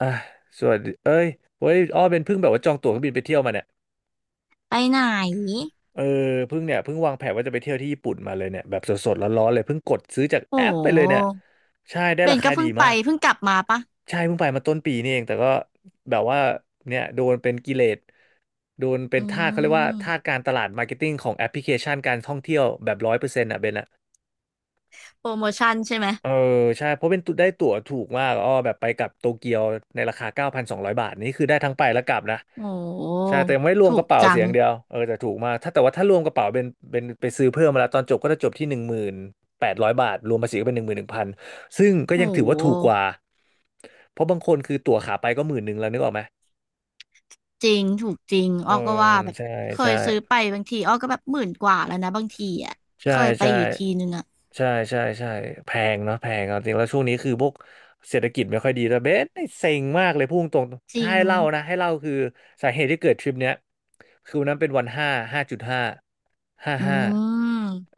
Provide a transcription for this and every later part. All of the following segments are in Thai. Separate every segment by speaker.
Speaker 1: อ่ะส่วนเอ้ยเว้ยอ้อเป็นเพิ่งแบบว่าจองตั๋วเครื่องบินไปเที่ยวมาเนี่ย
Speaker 2: ไปไหน
Speaker 1: เออเพิ่งเนี่ยเพิ่งวางแผนว่าจะไปเที่ยวที่ญี่ปุ่นมาเลยเนี่ยแบบสดๆร้อนๆเลยเพิ่งกดซื้อจาก
Speaker 2: โอ้
Speaker 1: แอปไปเลยเนี่ยใช่ได้
Speaker 2: เบ
Speaker 1: รา
Speaker 2: นก็
Speaker 1: คาดี
Speaker 2: เพิ่งไป
Speaker 1: มาก
Speaker 2: เพิ่งกลับมาปะ
Speaker 1: ใช่เพิ่งไปมาต้นปีนี่เองแต่ก็แบบว่าเนี่ยโดนเป็นกิเลสโดนเป็
Speaker 2: อื
Speaker 1: นทาสเขาเรียกว่าทาส
Speaker 2: ม
Speaker 1: การตลาดมาร์เก็ตติ้งของแอปพลิเคชันการท่องเที่ยวแบบ100%อ่ะเบนอ่ะ
Speaker 2: โปรโมชั่นใช่ไหม
Speaker 1: เออใช่เพราะเป็นตุได้ตั๋วถูกมากอ้อแบบไปกลับโตเกียวในราคา9,200 บาทนี่คือได้ทั้งไปและกลับนะ
Speaker 2: โอ้
Speaker 1: ใช่แต่ยังไม่รวม
Speaker 2: ถู
Speaker 1: ก
Speaker 2: ก
Speaker 1: ระเป๋า
Speaker 2: จั
Speaker 1: เสีย
Speaker 2: ง
Speaker 1: อย่างเดียวเออแต่ถูกมากถ้าแต่ว่าถ้ารวมกระเป๋าเป็นเป็นไปซื้อเพิ่มมาแล้วตอนจบก็จะจบที่10,800 บาทรวมภาษีก็เป็น11,000ซึ่งก็
Speaker 2: โอ้
Speaker 1: ยังถือว่าถูกกว่าเพราะบางคนคือตั๋วขาไปก็หมื่นหนึ่งแล้วนึกออกไหม
Speaker 2: จริงถูกจริง
Speaker 1: เอ
Speaker 2: อ้
Speaker 1: อ
Speaker 2: อก็ว่าแบบ
Speaker 1: ใช่
Speaker 2: เค
Speaker 1: ใช่
Speaker 2: ยซื้อไปบางทีอ้อก็แบบหมื่นกว่าแล้วนะบางทีอ่ะ
Speaker 1: ใช่
Speaker 2: เคยไป
Speaker 1: ใช่
Speaker 2: อยู่ทีนึงอ่ะ
Speaker 1: ใช่ใช่ใช่แพงเนาะแพงเอาจริงแล้วช่วงนี้คือพวกเศรษฐกิจไม่ค่อยดีแต่เบสนี่เซ็งมากเลยพูดตรง
Speaker 2: จ
Speaker 1: ๆถ้า
Speaker 2: ริง
Speaker 1: ให้เล่านะให้เล่าคือสาเหตุที่เกิดทริปเนี้ยคือวันนั้นเป็นวันห้าห้าจุดห้าห้า
Speaker 2: อื
Speaker 1: ห้า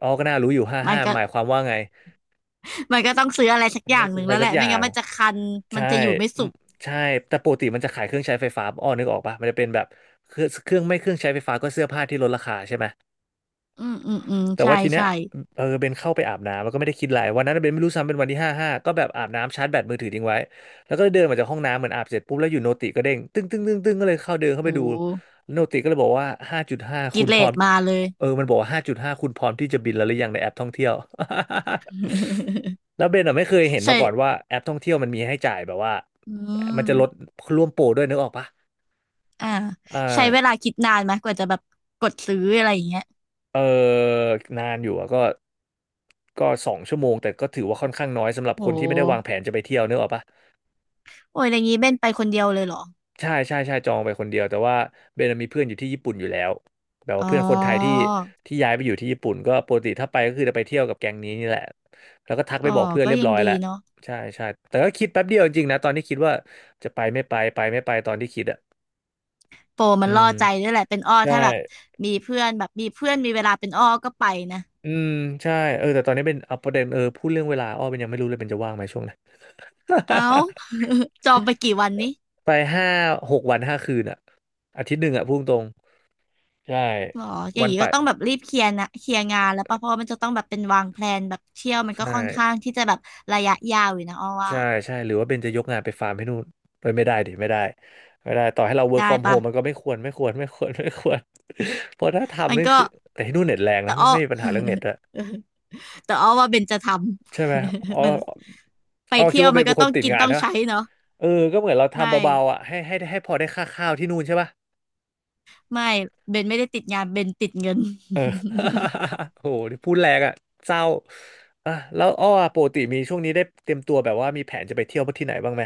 Speaker 1: อ๋อก็น่ารู้อยู่ห้า
Speaker 2: มัน
Speaker 1: ห้า
Speaker 2: ก็
Speaker 1: หมายความว่าไง
Speaker 2: มันก็ต้องซื้ออะไรสักอ
Speaker 1: ต้
Speaker 2: ย่า
Speaker 1: อ
Speaker 2: ง
Speaker 1: ง
Speaker 2: ห
Speaker 1: ซื้อ
Speaker 2: นึ่ง
Speaker 1: อะไร
Speaker 2: แล้วแห
Speaker 1: สัก
Speaker 2: ละ
Speaker 1: อ
Speaker 2: ไม่
Speaker 1: ย่า
Speaker 2: งั้
Speaker 1: ง
Speaker 2: นมันจะคันมัน
Speaker 1: ใช่
Speaker 2: จะอยู่ไม่
Speaker 1: อื
Speaker 2: สุ
Speaker 1: ม
Speaker 2: ข
Speaker 1: ใช่แต่ปกติมันจะขายเครื่องใช้ไฟฟ้าอ้อนึกออกปะมันจะเป็นแบบเครื่องเครื่องไม่เครื่องใช้ไฟฟ้าก็เสื้อผ้าที่ลดราคาใช่ไหม
Speaker 2: อืมอืมอืม
Speaker 1: แต่
Speaker 2: ใช่
Speaker 1: ว่าทีเนี้ย
Speaker 2: ใช่
Speaker 1: เออเบนเข้าไปอาบน้ำแล้วก็ไม่ได้คิดอะไรวันนั้นเบนไม่รู้ซ้ำเป็นวันที่ห้าห้าก็แบบอาบน้ำชาร์จแบตมือถือทิ้งไว้แล้วก็เดินมาจากห้องน้ำเหมือนอาบเสร็จปุ๊บแล้วอยู่โนติก็เด้งตึ้งตึ้งตึ้งตึ้งก็เลยเข้าเดินเข้า
Speaker 2: โอ
Speaker 1: ไปดู
Speaker 2: ้
Speaker 1: โนติก็เลยบอกว่าห้าจุดห้าคุ
Speaker 2: กิ
Speaker 1: ณ
Speaker 2: เล
Speaker 1: พร้อ
Speaker 2: ส
Speaker 1: ม
Speaker 2: มาเลย
Speaker 1: เออมันบอกว่าห้าจุดห้าคุณพร้อมที่จะบินแล้วหรือยังในแอปท่องเที่ยว แล้วเบนอ่ะไม่เคยเห็น
Speaker 2: ใช่
Speaker 1: มาก่อนว่าแอปท่องเที่ยวมันมีให้จ่ายแบบว่า
Speaker 2: อื
Speaker 1: มันจะลด
Speaker 2: ม
Speaker 1: ร่วมโปรด้วยนึกออกปะ
Speaker 2: อ่า
Speaker 1: อ่
Speaker 2: ใช้เวลา
Speaker 1: า
Speaker 2: คิดนานไหมกว่าจะแบบกดซื้ออะไรอย่างเงี้ย
Speaker 1: เออนานอยู่อะก็ก็2 ชั่วโมงแต่ก็ถือว่าค่อนข้างน้อยสำหรับ
Speaker 2: โอ
Speaker 1: คนที่ไม่ได้วาง
Speaker 2: ้
Speaker 1: แผนจะไปเที่ยวเนกอะปะ
Speaker 2: โอ้ยอย่างงี้เบนไปคนเดียวเลยเหรอ
Speaker 1: ใช่ใช่ใช่จองไปคนเดียวแต่ว่าเบนมีเพื่อนอยู่ที่ญี่ปุ่นอยู่แล้วแบบว่า
Speaker 2: อ๋อ
Speaker 1: เพื่อนคนไทยที่ที่ย้ายไปอยู่ที่ญี่ปุ่นก็ปกติถ้าไปก็คือจะไปเที่ยวกับแก๊งนี้นี่แหละแล้วก็ทักไป
Speaker 2: อ๋อ
Speaker 1: บอกเพื่อน
Speaker 2: ก็
Speaker 1: เรียบ
Speaker 2: ยัง
Speaker 1: ร้อยแล้
Speaker 2: ดี
Speaker 1: ว
Speaker 2: เนาะ
Speaker 1: ใช่ใช่แต่ก็คิดแป๊บเดียวจริงๆนะตอนที่คิดว่าจะไปไม่ไปไปไม่ไปตอนที่คิดอ่ะ
Speaker 2: โปรมั
Speaker 1: อื
Speaker 2: นล่อ
Speaker 1: ม
Speaker 2: ใจด้วยแหละเป็นอ้อ
Speaker 1: ใช่
Speaker 2: ถ้าแบบมีเพื่อนแบบมีเพื่อนมีเวลาเป็นอ้อก็ไปนะ
Speaker 1: อืมใช่เออแต่ตอนนี้เป็นเอาประเด็นเออพูดเรื่องเวลาอ้อเป็นยังไม่รู้เลยเป็นจะว่างไหมช่วงนั้น
Speaker 2: เอ้า จองไปกี่วันนี้
Speaker 1: ไป5-6 วัน 5 คืนอ่ะอาทิตย์หนึ่งอ่ะพุ่งตรงใช่
Speaker 2: หรออ
Speaker 1: ๆ
Speaker 2: ย่า
Speaker 1: วั
Speaker 2: ง
Speaker 1: น
Speaker 2: งี้
Speaker 1: ไป
Speaker 2: ก็ต้องแบบรีบเคลียร์นะเคลียร์งานแล้วปะเพราะว่ามันจะต้องแบบเป็นวางแพลนแบบเที่ยวมันก็
Speaker 1: ใช่
Speaker 2: ค่อนข้างที่จะแบบระยะยาวอยู่นะอ้อว่า
Speaker 1: ใช่ใช่หรือว่าเบนจะยกงานไปฟาร์มให้นู่นเอ้ยไม่ได้ดิไม่ได้ไม่ได้ต่อให้เรา work
Speaker 2: ได้
Speaker 1: from
Speaker 2: ปะ
Speaker 1: home มันก็ไม่ควรไม่ควรไม่ควร ไม่ควร เพราะถ้า
Speaker 2: มั
Speaker 1: ทำ
Speaker 2: น
Speaker 1: นี่
Speaker 2: ก็
Speaker 1: คือแต่ที่นู่นเน็ตแรง
Speaker 2: แต่
Speaker 1: นะไม่
Speaker 2: อ้อ
Speaker 1: ไม่มีปัญหาเรื่องเน็ตอะ
Speaker 2: แต่อ้อว่าเบนจะทำ
Speaker 1: ใช่ไหมอ๋อ
Speaker 2: มันไป
Speaker 1: อ๋อคิ
Speaker 2: เที่
Speaker 1: ด
Speaker 2: ยว
Speaker 1: ว่าเบ
Speaker 2: มัน
Speaker 1: นเป็
Speaker 2: ก็
Speaker 1: นค
Speaker 2: ต้
Speaker 1: น
Speaker 2: อง
Speaker 1: ติด
Speaker 2: กิน
Speaker 1: งาน
Speaker 2: ต้อง
Speaker 1: ใช่ปะ
Speaker 2: ใช้เนาะ
Speaker 1: เออก็เหมือนเรา
Speaker 2: ไม่
Speaker 1: ทำเบาๆอ่ะให้พอได้ค่าข้าวที่นู่นใช่ปะ
Speaker 2: ไม่เบนไม่ได้ติดงานเบนติดเงิน
Speaker 1: เออ โหพูดแรงอ่ะเศร้าอ่ะแล้วอ้ออะปกติมีช่วงนี้ได้เตรียมตัวแบบว่ามีแผนจะไปเที่ยวที่ไหนบ้างไหม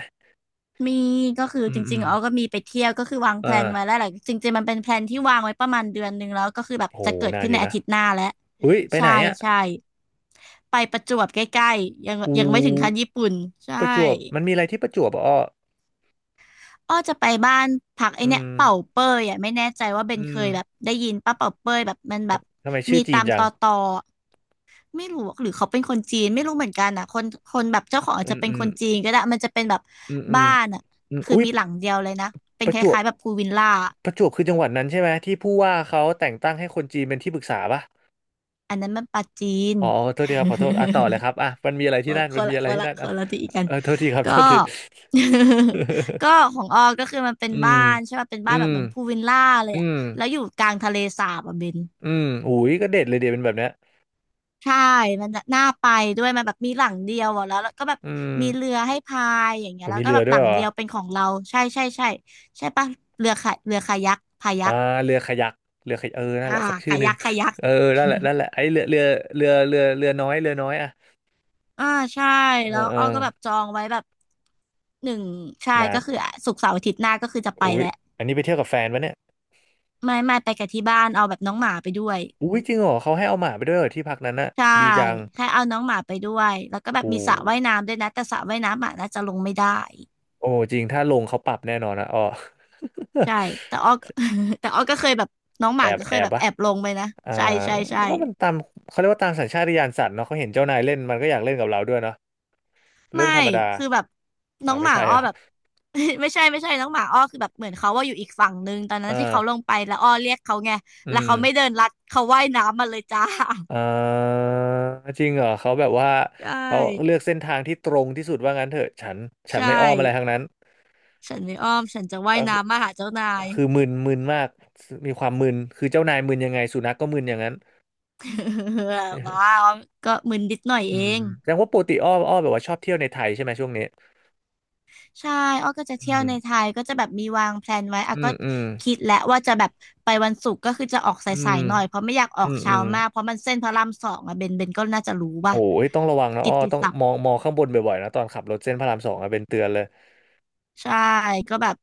Speaker 2: มีก็คือ
Speaker 1: อื
Speaker 2: จ
Speaker 1: มอื
Speaker 2: ริง
Speaker 1: ม
Speaker 2: ๆอ้อก็มีไปเที่ยวก็คือวางแพล
Speaker 1: อ่า
Speaker 2: นไว้แล้วแหละจริงๆมันเป็นแพลนที่วางไว้ประมาณเดือนหนึ่งแล้วก็คือแบบ
Speaker 1: โห
Speaker 2: จะเกิด
Speaker 1: นาน
Speaker 2: ขึ้น
Speaker 1: อ
Speaker 2: ใน
Speaker 1: ยู่
Speaker 2: อา
Speaker 1: นะ
Speaker 2: ทิตย์หน้าแล้ว
Speaker 1: อุ้ยไป
Speaker 2: ใช่
Speaker 1: ไหนอ่ะ
Speaker 2: ใช่ไปประจวบใกล้ๆยัง
Speaker 1: อ
Speaker 2: ยังไม่ถึงขั้น
Speaker 1: ู
Speaker 2: ญี่ปุ่นใช่
Speaker 1: ประจวบมันมีอะไรที่ประจวบอ่ะอ้อ
Speaker 2: อ้อจะไปบ้านพักไอ
Speaker 1: อื
Speaker 2: เนี่ย
Speaker 1: ม
Speaker 2: เป่าเป้ยอ่ะไม่แน่ใจว่าเบน
Speaker 1: อื
Speaker 2: เค
Speaker 1: ม
Speaker 2: ยแบบได้ยินป้าเป่าเป้ยแบบมัน
Speaker 1: ค
Speaker 2: แบ
Speaker 1: รับ
Speaker 2: บ
Speaker 1: ทำไมชื่
Speaker 2: มี
Speaker 1: อจี
Speaker 2: ตา
Speaker 1: น
Speaker 2: ม
Speaker 1: จั
Speaker 2: ต
Speaker 1: ง
Speaker 2: อตอไม่รู้หรือเขาเป็นคนจีนไม่รู้เหมือนกันอ่ะคนแบบเจ้าของอาจ
Speaker 1: อื
Speaker 2: จะ
Speaker 1: ม
Speaker 2: เป็น
Speaker 1: อื
Speaker 2: ค
Speaker 1: ม
Speaker 2: นจีนก็ได้มันจะเป็นแบบ
Speaker 1: อืมอืม
Speaker 2: บ้านอ่ะ
Speaker 1: อืม
Speaker 2: คือ
Speaker 1: อุ้ย
Speaker 2: มีหลังเดียวเลยนะเป็
Speaker 1: ป
Speaker 2: นค
Speaker 1: ระจวบ
Speaker 2: ล้ายๆแบบพูลวิลล่า
Speaker 1: ประจวบคือจังหวัดนั้นใช่ไหมที่ผู้ว่าเขาแต่งตั้งให้คนจีนเป็นที่ปรึกษาป่ะ
Speaker 2: อันนั้นมันปาจีน
Speaker 1: อ๋อโทษทีครับขอโทษอ่ะต่อเลยครับอ่ะมันมีอะไร
Speaker 2: ค
Speaker 1: ที่
Speaker 2: น
Speaker 1: นั่น
Speaker 2: ค
Speaker 1: มัน
Speaker 2: น
Speaker 1: มี
Speaker 2: ละ
Speaker 1: อะ
Speaker 2: ค
Speaker 1: ไร
Speaker 2: น
Speaker 1: ที่
Speaker 2: ละ
Speaker 1: นั่น
Speaker 2: ค
Speaker 1: อ่ะ
Speaker 2: นละที่กัน
Speaker 1: เออโทษทีครับ
Speaker 2: ก็
Speaker 1: โทษที
Speaker 2: ก็ของออก็คือมันเป็น
Speaker 1: อื
Speaker 2: บ้า
Speaker 1: ม
Speaker 2: นใช่ป่ะเป็น
Speaker 1: อื
Speaker 2: บ้านแบบ
Speaker 1: ม
Speaker 2: เหมือนพูลวิลล่าเลย
Speaker 1: อื
Speaker 2: อ่ะ
Speaker 1: ม
Speaker 2: แล้วอยู่กลางทะเลสาบอ่ะเบน
Speaker 1: อืมอุ้ยก็เด็ดเลยเดียวเป็นแบบเนี้ย
Speaker 2: ใช่มันน่ะน่าไปด้วยมันแบบมีหลังเดียวอะแล้วก็แบบ
Speaker 1: อืม
Speaker 2: มีเรือให้พายอย่างเงี้
Speaker 1: ผ
Speaker 2: ย
Speaker 1: ม
Speaker 2: แล้ว
Speaker 1: มี
Speaker 2: ก็
Speaker 1: เรื
Speaker 2: แบ
Speaker 1: อ
Speaker 2: บ
Speaker 1: ด้
Speaker 2: ห
Speaker 1: ว
Speaker 2: ลั
Speaker 1: ย
Speaker 2: ง
Speaker 1: เหรอ
Speaker 2: เดียวเป็นของเราใช่ใช่ใช่ใช่ปะเรือคายักพายั
Speaker 1: อ่า
Speaker 2: ก
Speaker 1: เรือคายักเรือคายักเออ นั่น
Speaker 2: อ่า
Speaker 1: แหละสักชื่อ
Speaker 2: คา
Speaker 1: หนึ่ง
Speaker 2: ยักคายัก
Speaker 1: เออ นั่นแหละนั่นแหละไอ้เรือเรือน้อยเรือน้อยอ่ะ
Speaker 2: อ่าใช่
Speaker 1: เอ
Speaker 2: แล้
Speaker 1: อ
Speaker 2: ว
Speaker 1: เออ
Speaker 2: อ้อก็แบบจองไว้แบบหนึ่งใช่
Speaker 1: นา
Speaker 2: ก็
Speaker 1: น
Speaker 2: คือศุกร์เสาร์อาทิตย์หน้าก็คือจะไป
Speaker 1: อุ้ย
Speaker 2: แล้ว
Speaker 1: อันนี้ไปเที่ยวกับแฟนปะเนี่ย
Speaker 2: ไม่ไม่ไปกับที่บ้านเอาแบบน้องหมาไปด้วย
Speaker 1: อุ้ยจริงเหรอ เขาให้เอาหมาไปด้วยเหรอที่พักนั้นน่ะ
Speaker 2: ใช่
Speaker 1: ดีจัง
Speaker 2: ให้เอาน้องหมาไปด้วยแล้วก็
Speaker 1: โ
Speaker 2: แบบมีสระ
Speaker 1: ห
Speaker 2: ว่ายน้ำด้วยนะแต่สระว่ายน้ำหมาน่าจะลงไม่ได้
Speaker 1: โอ้จริงถ้าลงเขาปรับแน่นอนนะอ๋อ
Speaker 2: ใช่ แต่อ้อ ก็ แต่อ้อก็เคยแบบน้องห
Speaker 1: แอ
Speaker 2: มา
Speaker 1: บ
Speaker 2: ก็เค
Speaker 1: แอ
Speaker 2: ย
Speaker 1: บ
Speaker 2: แบบ
Speaker 1: ปะ
Speaker 2: แอบลงไปนะ
Speaker 1: อ่า
Speaker 2: ใช่ใช่ใช่
Speaker 1: ก็มันตามเขาเรียกว่าตามสัญชาตญาณสัตว์เนาะเขาเห็นเจ้านายเล่นมันก็อยากเล่นกับเราด้วยเนาะเรื่อ
Speaker 2: ไม่
Speaker 1: งธรรมดา
Speaker 2: คือแบบน้
Speaker 1: อ่า
Speaker 2: อง
Speaker 1: ไม่
Speaker 2: หมา
Speaker 1: ใช่
Speaker 2: อ้อ
Speaker 1: ครั
Speaker 2: แบบ
Speaker 1: บ
Speaker 2: ไม่ใช่ไม่ใช่น้องหมาอ้อคือแบบเหมือนเขาว่าอยู่อีกฝั่งนึงตอนนั้
Speaker 1: อ่
Speaker 2: นที่เขาล
Speaker 1: า
Speaker 2: งไปแล้วอ้อเรียกเขาไงแล้
Speaker 1: อื
Speaker 2: วเขาไม่
Speaker 1: ม
Speaker 2: เดินลัดเขาว่ายน้ำมาเลยจ้า
Speaker 1: อ่าจริงเหรอเขาแบบว่า
Speaker 2: ใช่
Speaker 1: เขาเลือกเส้นทางที่ตรงที่สุดว่างั้นเถอะฉันฉัน
Speaker 2: ใช่
Speaker 1: ไม่อ้อมอะไรทั้งนั้น
Speaker 2: ฉันไม่อ้อมฉันจะว่า
Speaker 1: ก็
Speaker 2: ย
Speaker 1: คือ
Speaker 2: น้ำมาหาเจ้านาย
Speaker 1: คือมึนมากมีความมึนคือเจ้านายมึนยังไงสุนัขก็มึนอย่างนั้น
Speaker 2: บ้า อ้อมก็มึนนิดหน่อย
Speaker 1: อื
Speaker 2: เอ
Speaker 1: ม
Speaker 2: ง
Speaker 1: แสดงว่าปกติอ้อมแบบว่าชอบเที่ยวในไทยใช่ไหมช่วงนี้
Speaker 2: ใช่อ้อก็จะ
Speaker 1: อื
Speaker 2: เที่ยว
Speaker 1: ม
Speaker 2: ในไทยก็จะแบบมีวางแพลนไว้อ่ะ
Speaker 1: อื
Speaker 2: ก็
Speaker 1: มอืม
Speaker 2: คิดแล้วว่าจะแบบไปวันศุกร์ก็คือจะออกส
Speaker 1: อื
Speaker 2: า
Speaker 1: ม
Speaker 2: ยๆหน่อยเพราะไม่อยากอ
Speaker 1: อื
Speaker 2: อก
Speaker 1: มอื
Speaker 2: เช้า
Speaker 1: ม
Speaker 2: มากเพราะมันเส้นพระราม2อ่ะเบนก็น่าจะรู้
Speaker 1: โอ้
Speaker 2: ป่ะ
Speaker 1: ยต้องระวังนะ
Speaker 2: กิ
Speaker 1: อ้อ
Speaker 2: ตติ
Speaker 1: ต้อง
Speaker 2: ศัพ
Speaker 1: ม
Speaker 2: ท์
Speaker 1: องมองข้างบนบ่อยๆนะตอนขับรถเส้นพระรามสองอะเป็นเตือนเลย
Speaker 2: ใช่ก็แบบ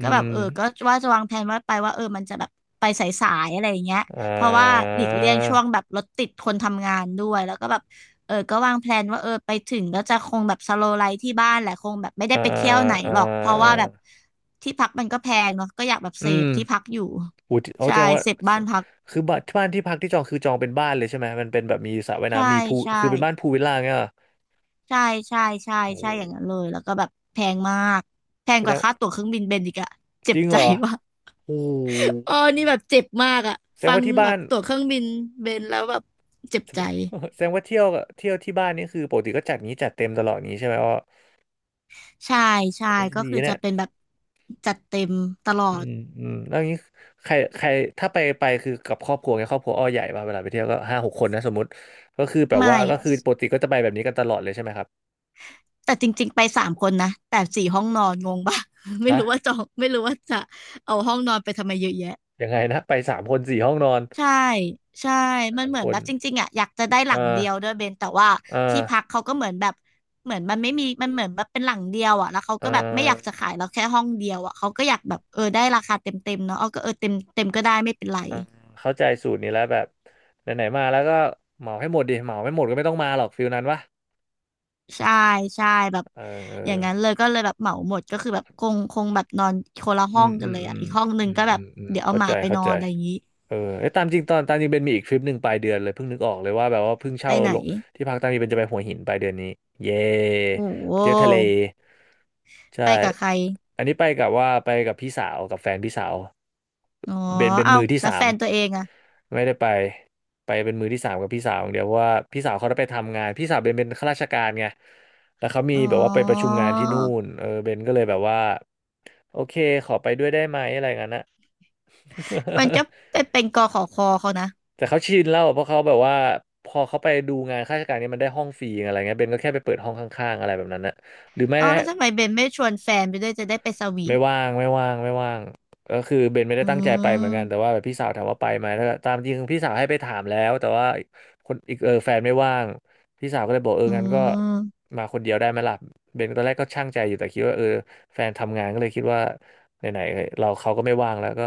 Speaker 2: ก็
Speaker 1: อื
Speaker 2: แบบเอ
Speaker 1: ม
Speaker 2: อก็ว่าจะวางแผนว่าไปว่าเออมันจะแบบไปสายๆอะไรอย่างเงี้ย
Speaker 1: อ่
Speaker 2: เพราะว่าห
Speaker 1: า
Speaker 2: ลีกเลี่ยงช่วงแบบรถติดคนทำงานด้วยแล้วก็แบบเออก็วางแพลนว่าเออไปถึงก็จะคงแบบสโลว์ไลฟ์ที่บ้านแหละคงแบบไม่ได้
Speaker 1: อ่า
Speaker 2: ไปเที่ยวไหน
Speaker 1: อ่า
Speaker 2: หรอกเพราะว่า
Speaker 1: อ่า
Speaker 2: แบบที่พักมันก็แพงเนาะก็อยากแบบเซ
Speaker 1: อื
Speaker 2: ฟ
Speaker 1: ม
Speaker 2: ที่พักอยู่
Speaker 1: อูทีเอา
Speaker 2: ใช่
Speaker 1: แสดงว่า
Speaker 2: เซฟบ้านพัก
Speaker 1: คือบ้านที่พักที่จองคือจองเป็นบ้านเลยใช่ไหมมันเป็นแบบมีสระว่าย
Speaker 2: ใช่
Speaker 1: น้ำมีพูล
Speaker 2: ใช่
Speaker 1: คือเป็นบ้านพูลวิลล่าเงี้ยเหรอ
Speaker 2: ใช่ใช่ใช่
Speaker 1: โอ้
Speaker 2: ใช่
Speaker 1: โห
Speaker 2: อย่างนั้นเลยแล้วก็แบบแพงมากแพง
Speaker 1: แส
Speaker 2: ก
Speaker 1: ด
Speaker 2: ว่า
Speaker 1: ง
Speaker 2: ค่าตั๋วเครื่องบินเบนอีกอะเจ็
Speaker 1: จ
Speaker 2: บ
Speaker 1: ริง
Speaker 2: ใจ
Speaker 1: เหรอ
Speaker 2: ว่ะ
Speaker 1: โอ้โห
Speaker 2: เออนี่แบบเจ็บมากอะ
Speaker 1: แสดง
Speaker 2: ฟัง
Speaker 1: ว่าที่
Speaker 2: แบ
Speaker 1: บ้า
Speaker 2: บ
Speaker 1: น
Speaker 2: ตั๋วเครื่องบินเบนแล้วแบบเจ็บใจ
Speaker 1: แสดงว่าเที่ยวที่บ้านนี่คือปกติก็จัดงี้จัดเต็มตลอดงี้ใช่ไหมอ้อ
Speaker 2: ใช่ใช่
Speaker 1: เทส
Speaker 2: ก็
Speaker 1: ดี
Speaker 2: คือ
Speaker 1: เนี่
Speaker 2: จะ
Speaker 1: ย
Speaker 2: เป็นแบบจัดเต็มตลอ
Speaker 1: อื
Speaker 2: ด
Speaker 1: มอืมแล้วอย่างนี้ใครใครถ้าไปไปคือกับครอบครัวไงครอบครัวอ้อใหญ่ป่ะเวลาไปเที่ยวก็ห้าหกคนนะสมมติก็คือแบบ
Speaker 2: ไม่
Speaker 1: ว่าก็คือปกติก็จะไปแบบนี้กันตลอดเลยใช่ไหมครับ
Speaker 2: แต่จริงๆไป3 คนนะแต่4 ห้องนอนงงปะ ไม่
Speaker 1: ฮะ
Speaker 2: รู้ว่าจองไม่รู้ว่าจะเอาห้องนอนไปทำไมเยอะแยะ
Speaker 1: ยังไงนะไปสามคนสี่ห้องนอน
Speaker 2: ใช่ใช่
Speaker 1: สา
Speaker 2: มัน
Speaker 1: ม
Speaker 2: เหมือ
Speaker 1: ค
Speaker 2: นแบ
Speaker 1: น
Speaker 2: บจริงๆอ่ะอยากจะได้ห
Speaker 1: เอ
Speaker 2: ลัง
Speaker 1: อ
Speaker 2: เดียวด้วยเบนแต่ว่า
Speaker 1: เอ
Speaker 2: ที่
Speaker 1: อ
Speaker 2: พักเขาก็เหมือนแบบเหมือนมันไม่มีมันเหมือนแบบเป็นหลังเดียวอ่ะแล้วเขา
Speaker 1: เอ
Speaker 2: ก็แบบไม่อยากจะ
Speaker 1: อ
Speaker 2: ขายเราแค่ห้องเดียวอ่ะเขาก็อยากแบบได้ราคาเต็มเต็มเนาะเอาก็เต็มเต็มก็ได้ไม่เป็นไร
Speaker 1: เออเข้าใจสูตรนี้แล้วแบบไหนๆมาแล้วก็เหมาให้หมดดิเหมาไม่หมดก็ไม่ต้องมาหรอกฟิลนั้นวะ
Speaker 2: ใช่ใช่แบบ
Speaker 1: เออเอ
Speaker 2: อย่า
Speaker 1: อ
Speaker 2: งนั้นเลยก็เลยแบบเหมาหมดก็คือแบบคงแบบนอนคนละ
Speaker 1: อื
Speaker 2: ห้อ
Speaker 1: ม
Speaker 2: งกั
Speaker 1: อื
Speaker 2: น
Speaker 1: ม
Speaker 2: เลย
Speaker 1: อื
Speaker 2: อ่ะ
Speaker 1: ม
Speaker 2: อีกห้องห
Speaker 1: อื
Speaker 2: นึ่ง
Speaker 1: ม
Speaker 2: ก็แบ
Speaker 1: อื
Speaker 2: บ
Speaker 1: มอืม
Speaker 2: เดี๋ยวเอา
Speaker 1: เข้า
Speaker 2: หมา
Speaker 1: ใจ
Speaker 2: ไปน
Speaker 1: เข้า
Speaker 2: อ
Speaker 1: ใจ
Speaker 2: นอะไรอย่างนี้
Speaker 1: เออไอ้ยตามจริงตอนตามจริงเบนมีอีกทริปหนึ่งปลายเดือนเลยเพิ่งนึกออกเลยว่าแบบว่าเพิ่ง
Speaker 2: ไป
Speaker 1: เช่า
Speaker 2: ไหน
Speaker 1: ลงที่พักตามจริงเบนจะไปหัวหินปลายเดือนนี้เย่
Speaker 2: โอ้โ
Speaker 1: ไปเที่ยวทะเล
Speaker 2: ห
Speaker 1: ใช่
Speaker 2: ไปกับใคร
Speaker 1: อันนี้ไปกับพี่สาวกับแฟนพี่สาว
Speaker 2: อ๋อ
Speaker 1: เป็น
Speaker 2: เอ้า
Speaker 1: มือที่
Speaker 2: แล้ว
Speaker 1: สา
Speaker 2: แฟ
Speaker 1: ม
Speaker 2: นตัวเองอ่ะ
Speaker 1: ไม่ได้ไปไปเป็นมือที่สามกับพี่สาวอย่างเดียวเพราะว่าพี่สาวเขาได้ไปทำงานพี่สาวเบนเป็นข้าราชการไงแล้วเขามี
Speaker 2: อ๋อ
Speaker 1: แบบว่าไปประชุมงานที่นู่นเออเบนก็เลยแบบว่า โอเคขอไปด้วยได้ไหมอะไรงั้นนะ
Speaker 2: มันจะไปเป็นกอขอคอเขานะ
Speaker 1: แต่เขาชินแล้วเพราะเขาแบบว่าพอเขาไปดูงานข้าราชการเนี่ยมันได้ห้องฟรีอะไรเงี้ยเบนก็แค่ไปเปิดห้องข้างๆอะไรแบบนั้นนะหรือไม่
Speaker 2: อ๋อแล้วทำไมเบนไม่ชวนแฟนไปด้วยจะได้ไปสวี
Speaker 1: ไม่
Speaker 2: ท
Speaker 1: ว่างไม่ว่างไม่ว่างก็คือเบนไม่ได้
Speaker 2: อื
Speaker 1: ตั้งใจไปเหมือนกันแต่
Speaker 2: ม
Speaker 1: ว่าแบบพี่สาวถามว่าไปไหมถ้าตามจริงพี่สาวให้ไปถามแล้วแต่ว่าคนอีกเออแฟนไม่ว่างพี่สาวก็เลยบอกเออ
Speaker 2: อื
Speaker 1: งั้นก็
Speaker 2: ม
Speaker 1: มาคนเดียวได้ไหมล่ะเบนตอนแรกก็ช่างใจอยู่แต่คิดว่าเออแฟนทำงานก็เลยคิดว่าไหนๆเราเขาก็ไม่ว่างแล้วก็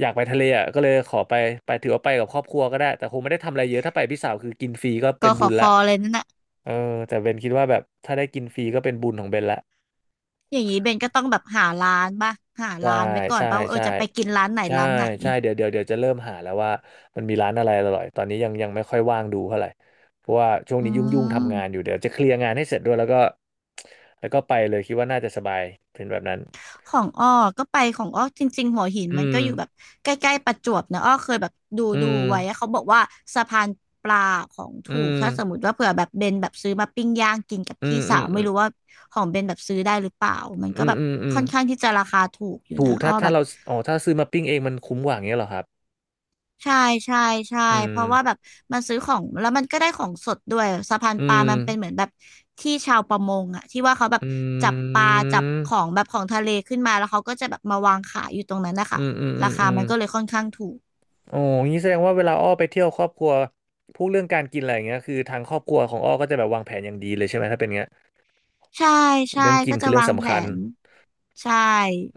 Speaker 1: อยากไปทะเลอ่ะก็เลยขอไปไปถือว่าไปกับครอบครัวก็ได้แต่คงไม่ได้ทำอะไรเยอะถ้าไปพี่สาวคือกินฟรีก็
Speaker 2: ก
Speaker 1: เป็
Speaker 2: อ
Speaker 1: น
Speaker 2: ข
Speaker 1: บุ
Speaker 2: อ
Speaker 1: ญ
Speaker 2: ค
Speaker 1: ละ
Speaker 2: อเลยนั่นน่ะ
Speaker 1: เออแต่เบนคิดว่าแบบถ้าได้กินฟรีก็เป็นบุญของเบนละ
Speaker 2: อย่างนี้เบนก็ต้องแบบหาร้านป่ะหา
Speaker 1: ใช่
Speaker 2: ร้านไว้ก่อน
Speaker 1: ใช่
Speaker 2: ป่ะว่า
Speaker 1: ใช่
Speaker 2: จะไปกินร้านไหน
Speaker 1: ใช่
Speaker 2: ร้านไหน
Speaker 1: ใช่เดี๋ยวเดี๋ยวจะเริ่มหาแล้วว่ามันมีร้านอะไรอร่อยตอนนี้ยังไม่ค่อยว่างดูเท่าไหร่เพราะว่าช่วง
Speaker 2: อื
Speaker 1: นี้ยุ่งทำงานอ
Speaker 2: ม
Speaker 1: ยู่เดี๋ยวจะเคลียร์งานให้เสร็จด้วยแล้วก็ไปเลยคิดว่าน่าจะสบายเป็นแบบนั้น
Speaker 2: ของอ้อก็ไปของอ้อจริงๆหัวหิน
Speaker 1: อื
Speaker 2: มัน
Speaker 1: ม
Speaker 2: ก็อยู่แบบใกล้ๆประจวบนะอ้อเคยแบบดู
Speaker 1: อื
Speaker 2: ดู
Speaker 1: ม
Speaker 2: ไว้อะเขาบอกว่าสะพานปลาของ
Speaker 1: อื
Speaker 2: ถูก
Speaker 1: ม
Speaker 2: ถ้าสมมติว่าเผื่อแบบเบนแบบซื้อมาปิ้งย่างกินกับ
Speaker 1: อื
Speaker 2: พี่
Speaker 1: มอื
Speaker 2: สา
Speaker 1: ม
Speaker 2: ว
Speaker 1: อื
Speaker 2: ไม่
Speaker 1: ม
Speaker 2: รู้ว่าของเบนแบบซื้อได้หรือเปล่ามันก็
Speaker 1: อืม
Speaker 2: แบบ
Speaker 1: อืมอืม
Speaker 2: ค่อนข้างที่จะราคาถูกอยู่
Speaker 1: ถู
Speaker 2: นะ
Speaker 1: ก
Speaker 2: อ้
Speaker 1: ถ้า
Speaker 2: อ
Speaker 1: ถ้า
Speaker 2: แบบ
Speaker 1: เราอ๋อถ้าซื้อมาปิ้งเองมันคุ้มกว่าอย่างเงี้ยเหรอครับ
Speaker 2: ใช่ใช่ใช่
Speaker 1: อื
Speaker 2: เพ
Speaker 1: ม
Speaker 2: ราะว่าแบบมันซื้อของแล้วมันก็ได้ของสดด้วยสะพาน
Speaker 1: อื
Speaker 2: ปลา
Speaker 1: ม
Speaker 2: มันเป็นเหมือนแบบที่ชาวประมงอะที่ว่าเขาแบบ
Speaker 1: อื
Speaker 2: จับปลาจับข
Speaker 1: ม
Speaker 2: องแบบของทะเลขึ้นมาแล้วเขาก็จะแบบมาวางขายอยู่ตรงนั้นนะคะ
Speaker 1: อืมอืมอื
Speaker 2: รา
Speaker 1: ม
Speaker 2: คา
Speaker 1: อืม
Speaker 2: มันก็เลยค่อนข้างถูก
Speaker 1: โอ้งี้แสดงว่าเวลาอ้อไปเที่ยวครอบครัวพูดเรื่องการกินอะไรอย่างเงี้ยคือทางครอบครัวของอ้อก็จะแบบวางแผนอย่างดีเลยใช่ไหมถ้าเป็นเงี้ย
Speaker 2: ใช่ใช่
Speaker 1: เรื่องกิ
Speaker 2: ก็
Speaker 1: นคื
Speaker 2: จะ
Speaker 1: อเรื่อง
Speaker 2: วางแผ
Speaker 1: สำคัญ
Speaker 2: นใช่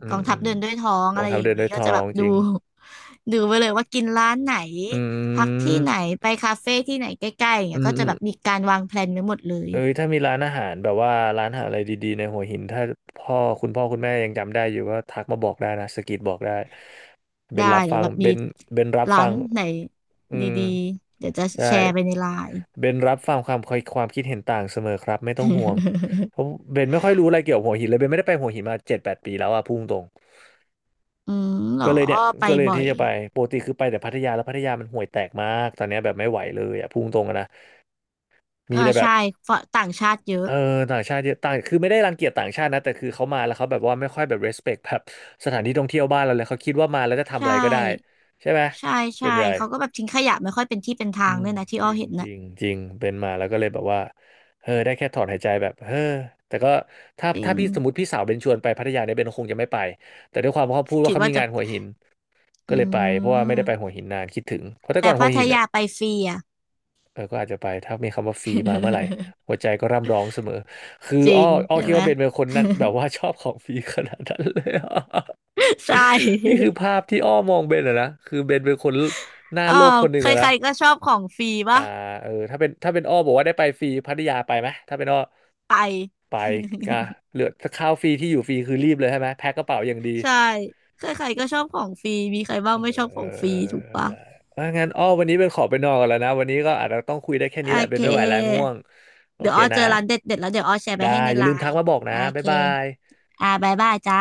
Speaker 1: อื
Speaker 2: กอง
Speaker 1: ม
Speaker 2: ทัพเดินด้วยท้อง
Speaker 1: รอ
Speaker 2: อะ
Speaker 1: ง
Speaker 2: ไร
Speaker 1: เท้า
Speaker 2: อย่า
Speaker 1: เดิ
Speaker 2: ง
Speaker 1: น
Speaker 2: นี้
Speaker 1: ด้วย
Speaker 2: ก็
Speaker 1: ท
Speaker 2: จะ
Speaker 1: อ
Speaker 2: แบ
Speaker 1: ง
Speaker 2: บ
Speaker 1: จ
Speaker 2: ดู
Speaker 1: ริง
Speaker 2: ดูไปเลยว่ากินร้านไหน
Speaker 1: อื
Speaker 2: พักที่
Speaker 1: ม
Speaker 2: ไหนไปคาเฟ่ที่ไหนใกล้ๆอย่าง
Speaker 1: อื
Speaker 2: เงี้ย
Speaker 1: ม
Speaker 2: ก็
Speaker 1: อื
Speaker 2: จะ
Speaker 1: ม
Speaker 2: แบบมีการวางแผนไว้หมดเลย
Speaker 1: เอ้ยถ้ามีร้านอาหารแบบว่าร้านอาหารอะไรดีๆในหัวหินถ้าพ่อคุณแม่ยังจำได้อยู่ก็ทักมาบอกได้นะสะกิดบอกได้เป็
Speaker 2: ได้
Speaker 1: นรับ
Speaker 2: เดี๋ย
Speaker 1: ฟั
Speaker 2: ว
Speaker 1: ง
Speaker 2: แบบมี
Speaker 1: เป็นรับ
Speaker 2: ร้า
Speaker 1: ฟั
Speaker 2: น
Speaker 1: ง
Speaker 2: ไหน
Speaker 1: อืม
Speaker 2: ดีๆเดี๋ยวจะแช
Speaker 1: ใช่
Speaker 2: ร์ไปในไลน์
Speaker 1: เบนรับฟังความคิดเห็นต่างเสมอครับไม่ต้องห่วงเพราะ เบนไม่ค่อยรู้อะไรเกี่ยวกับหัวหินเลยเบนไม่ได้ไปหัวหินมาเจ็ดแปดปีแล้วอะพุ่งตรง
Speaker 2: อืมเหรอ
Speaker 1: ก็เลยเนี่ย
Speaker 2: ไป
Speaker 1: ก็เลย
Speaker 2: บ่อ
Speaker 1: ที่
Speaker 2: ย
Speaker 1: จะไปปกติคือไปแต่พัทยาแล้วพัทยามันห่วยแตกมากตอนเนี้ยแบบไม่ไหวเลยอะพุ่งตรงอะนะมี
Speaker 2: อ่า
Speaker 1: แต่แบบ
Speaker 2: ใช่ฝรั่งต่างชาติเยอะ
Speaker 1: เออต่างชาติเยอะต่างคือไม่ได้รังเกียจต่างชาตินะแต่คือเขามาแล้วเขาแบบว่าไม่ค่อยแบบ respect แบบสถานที่ท่องเที่ยวบ้านเราเลยเขาคิดว่ามาแล้วจะทำอะ
Speaker 2: ใช่
Speaker 1: ไรก็ได้ใช่ไหม
Speaker 2: ใช่
Speaker 1: ส่
Speaker 2: ใช่
Speaker 1: วนใหญ่
Speaker 2: เขาก็แบบทิ้งขยะไม่ค่อยเป็นที่เป็นทา
Speaker 1: อื
Speaker 2: ง
Speaker 1: ม
Speaker 2: ด้วยนะที่
Speaker 1: จ
Speaker 2: อ้อ
Speaker 1: ริง
Speaker 2: เห็น
Speaker 1: จ
Speaker 2: นะ
Speaker 1: ริงจริงเป็นมาแล้วก็เลยแบบว่าเออได้แค่ถอนหายใจแบบเออแต่ก็ถ้า
Speaker 2: จริ
Speaker 1: ถ้า
Speaker 2: ง
Speaker 1: พี่สมมติพี่สาวเบนชวนไปพัทยาเนี่ยเบนคงจะไม่ไปแต่ด้วยความว่าเขาพูดว่า
Speaker 2: คิด
Speaker 1: เขา
Speaker 2: ว่า
Speaker 1: มี
Speaker 2: จะ
Speaker 1: งานหัวหินก็
Speaker 2: อื
Speaker 1: เลยไปเพราะว่าไม่ได้ไปหั
Speaker 2: ม
Speaker 1: วหินนานคิดถึงเพราะแต่
Speaker 2: แต่
Speaker 1: ก่อนหั
Speaker 2: พั
Speaker 1: ว
Speaker 2: ท
Speaker 1: หินอ่ะ
Speaker 2: ยาไปฟรีอ่ะ
Speaker 1: เออก็อาจจะไปถ้ามีคำว่าฟรีมาเมื่อไหร่หัว ใจก็ร่ำร้องเสมอคือ
Speaker 2: จริ
Speaker 1: อ้อ
Speaker 2: ง
Speaker 1: อ้อ
Speaker 2: ใช่
Speaker 1: คิด
Speaker 2: ไหม
Speaker 1: ว่าเบนเป็นคนนั้นแบบว่าชอบของฟรีขนาดนั้นเลยอะ
Speaker 2: ใช่
Speaker 1: นี่คือภาพที่อ้อมองเบนอะนะคือเบนเป็นคนหน้า
Speaker 2: อ๋อ
Speaker 1: โลภคนหนึ่ง
Speaker 2: ใค
Speaker 1: อะนะ
Speaker 2: รๆก็ชอบของฟรี
Speaker 1: อ่า
Speaker 2: ปะ
Speaker 1: เออถ้าเป็นอ้อบอกว่าได้ไปฟรีพัทยาไปไหมถ้าเป็นอ้อ
Speaker 2: ไป
Speaker 1: ไปอ่ะ เหลือข้าวฟรีที่อยู่ฟรีคือรีบเลยใช่ไหมแพ็คกระเป๋าอย่างดี
Speaker 2: ใช่ใครๆก็ชอบของฟรีมีใครบ้าง
Speaker 1: เอ
Speaker 2: ไม่
Speaker 1: อ
Speaker 2: ชอบของฟรีถูกปะ
Speaker 1: ได้อ่ะงั้นอ้อวันนี้เป็นขอไปนอนก่อนแล้วนะวันนี้ก็อาจจะต้องคุยได้แค่
Speaker 2: โอ
Speaker 1: นี้แหละ
Speaker 2: เค
Speaker 1: เป็นไม่ไหวแล้วง่วงโอ
Speaker 2: เดี๋ยว
Speaker 1: เค
Speaker 2: อ้อเจ
Speaker 1: นะ
Speaker 2: อร้านเด็ดเด็ดแล้วเดี๋ยวอ้อแชร์ไป
Speaker 1: ได้
Speaker 2: ให้ใน
Speaker 1: อย่า
Speaker 2: ไล
Speaker 1: ลืมทัก
Speaker 2: น์
Speaker 1: มาบอก
Speaker 2: โอ
Speaker 1: นะบ๊า
Speaker 2: เค
Speaker 1: ยบาย
Speaker 2: อ่าบายบายจ้า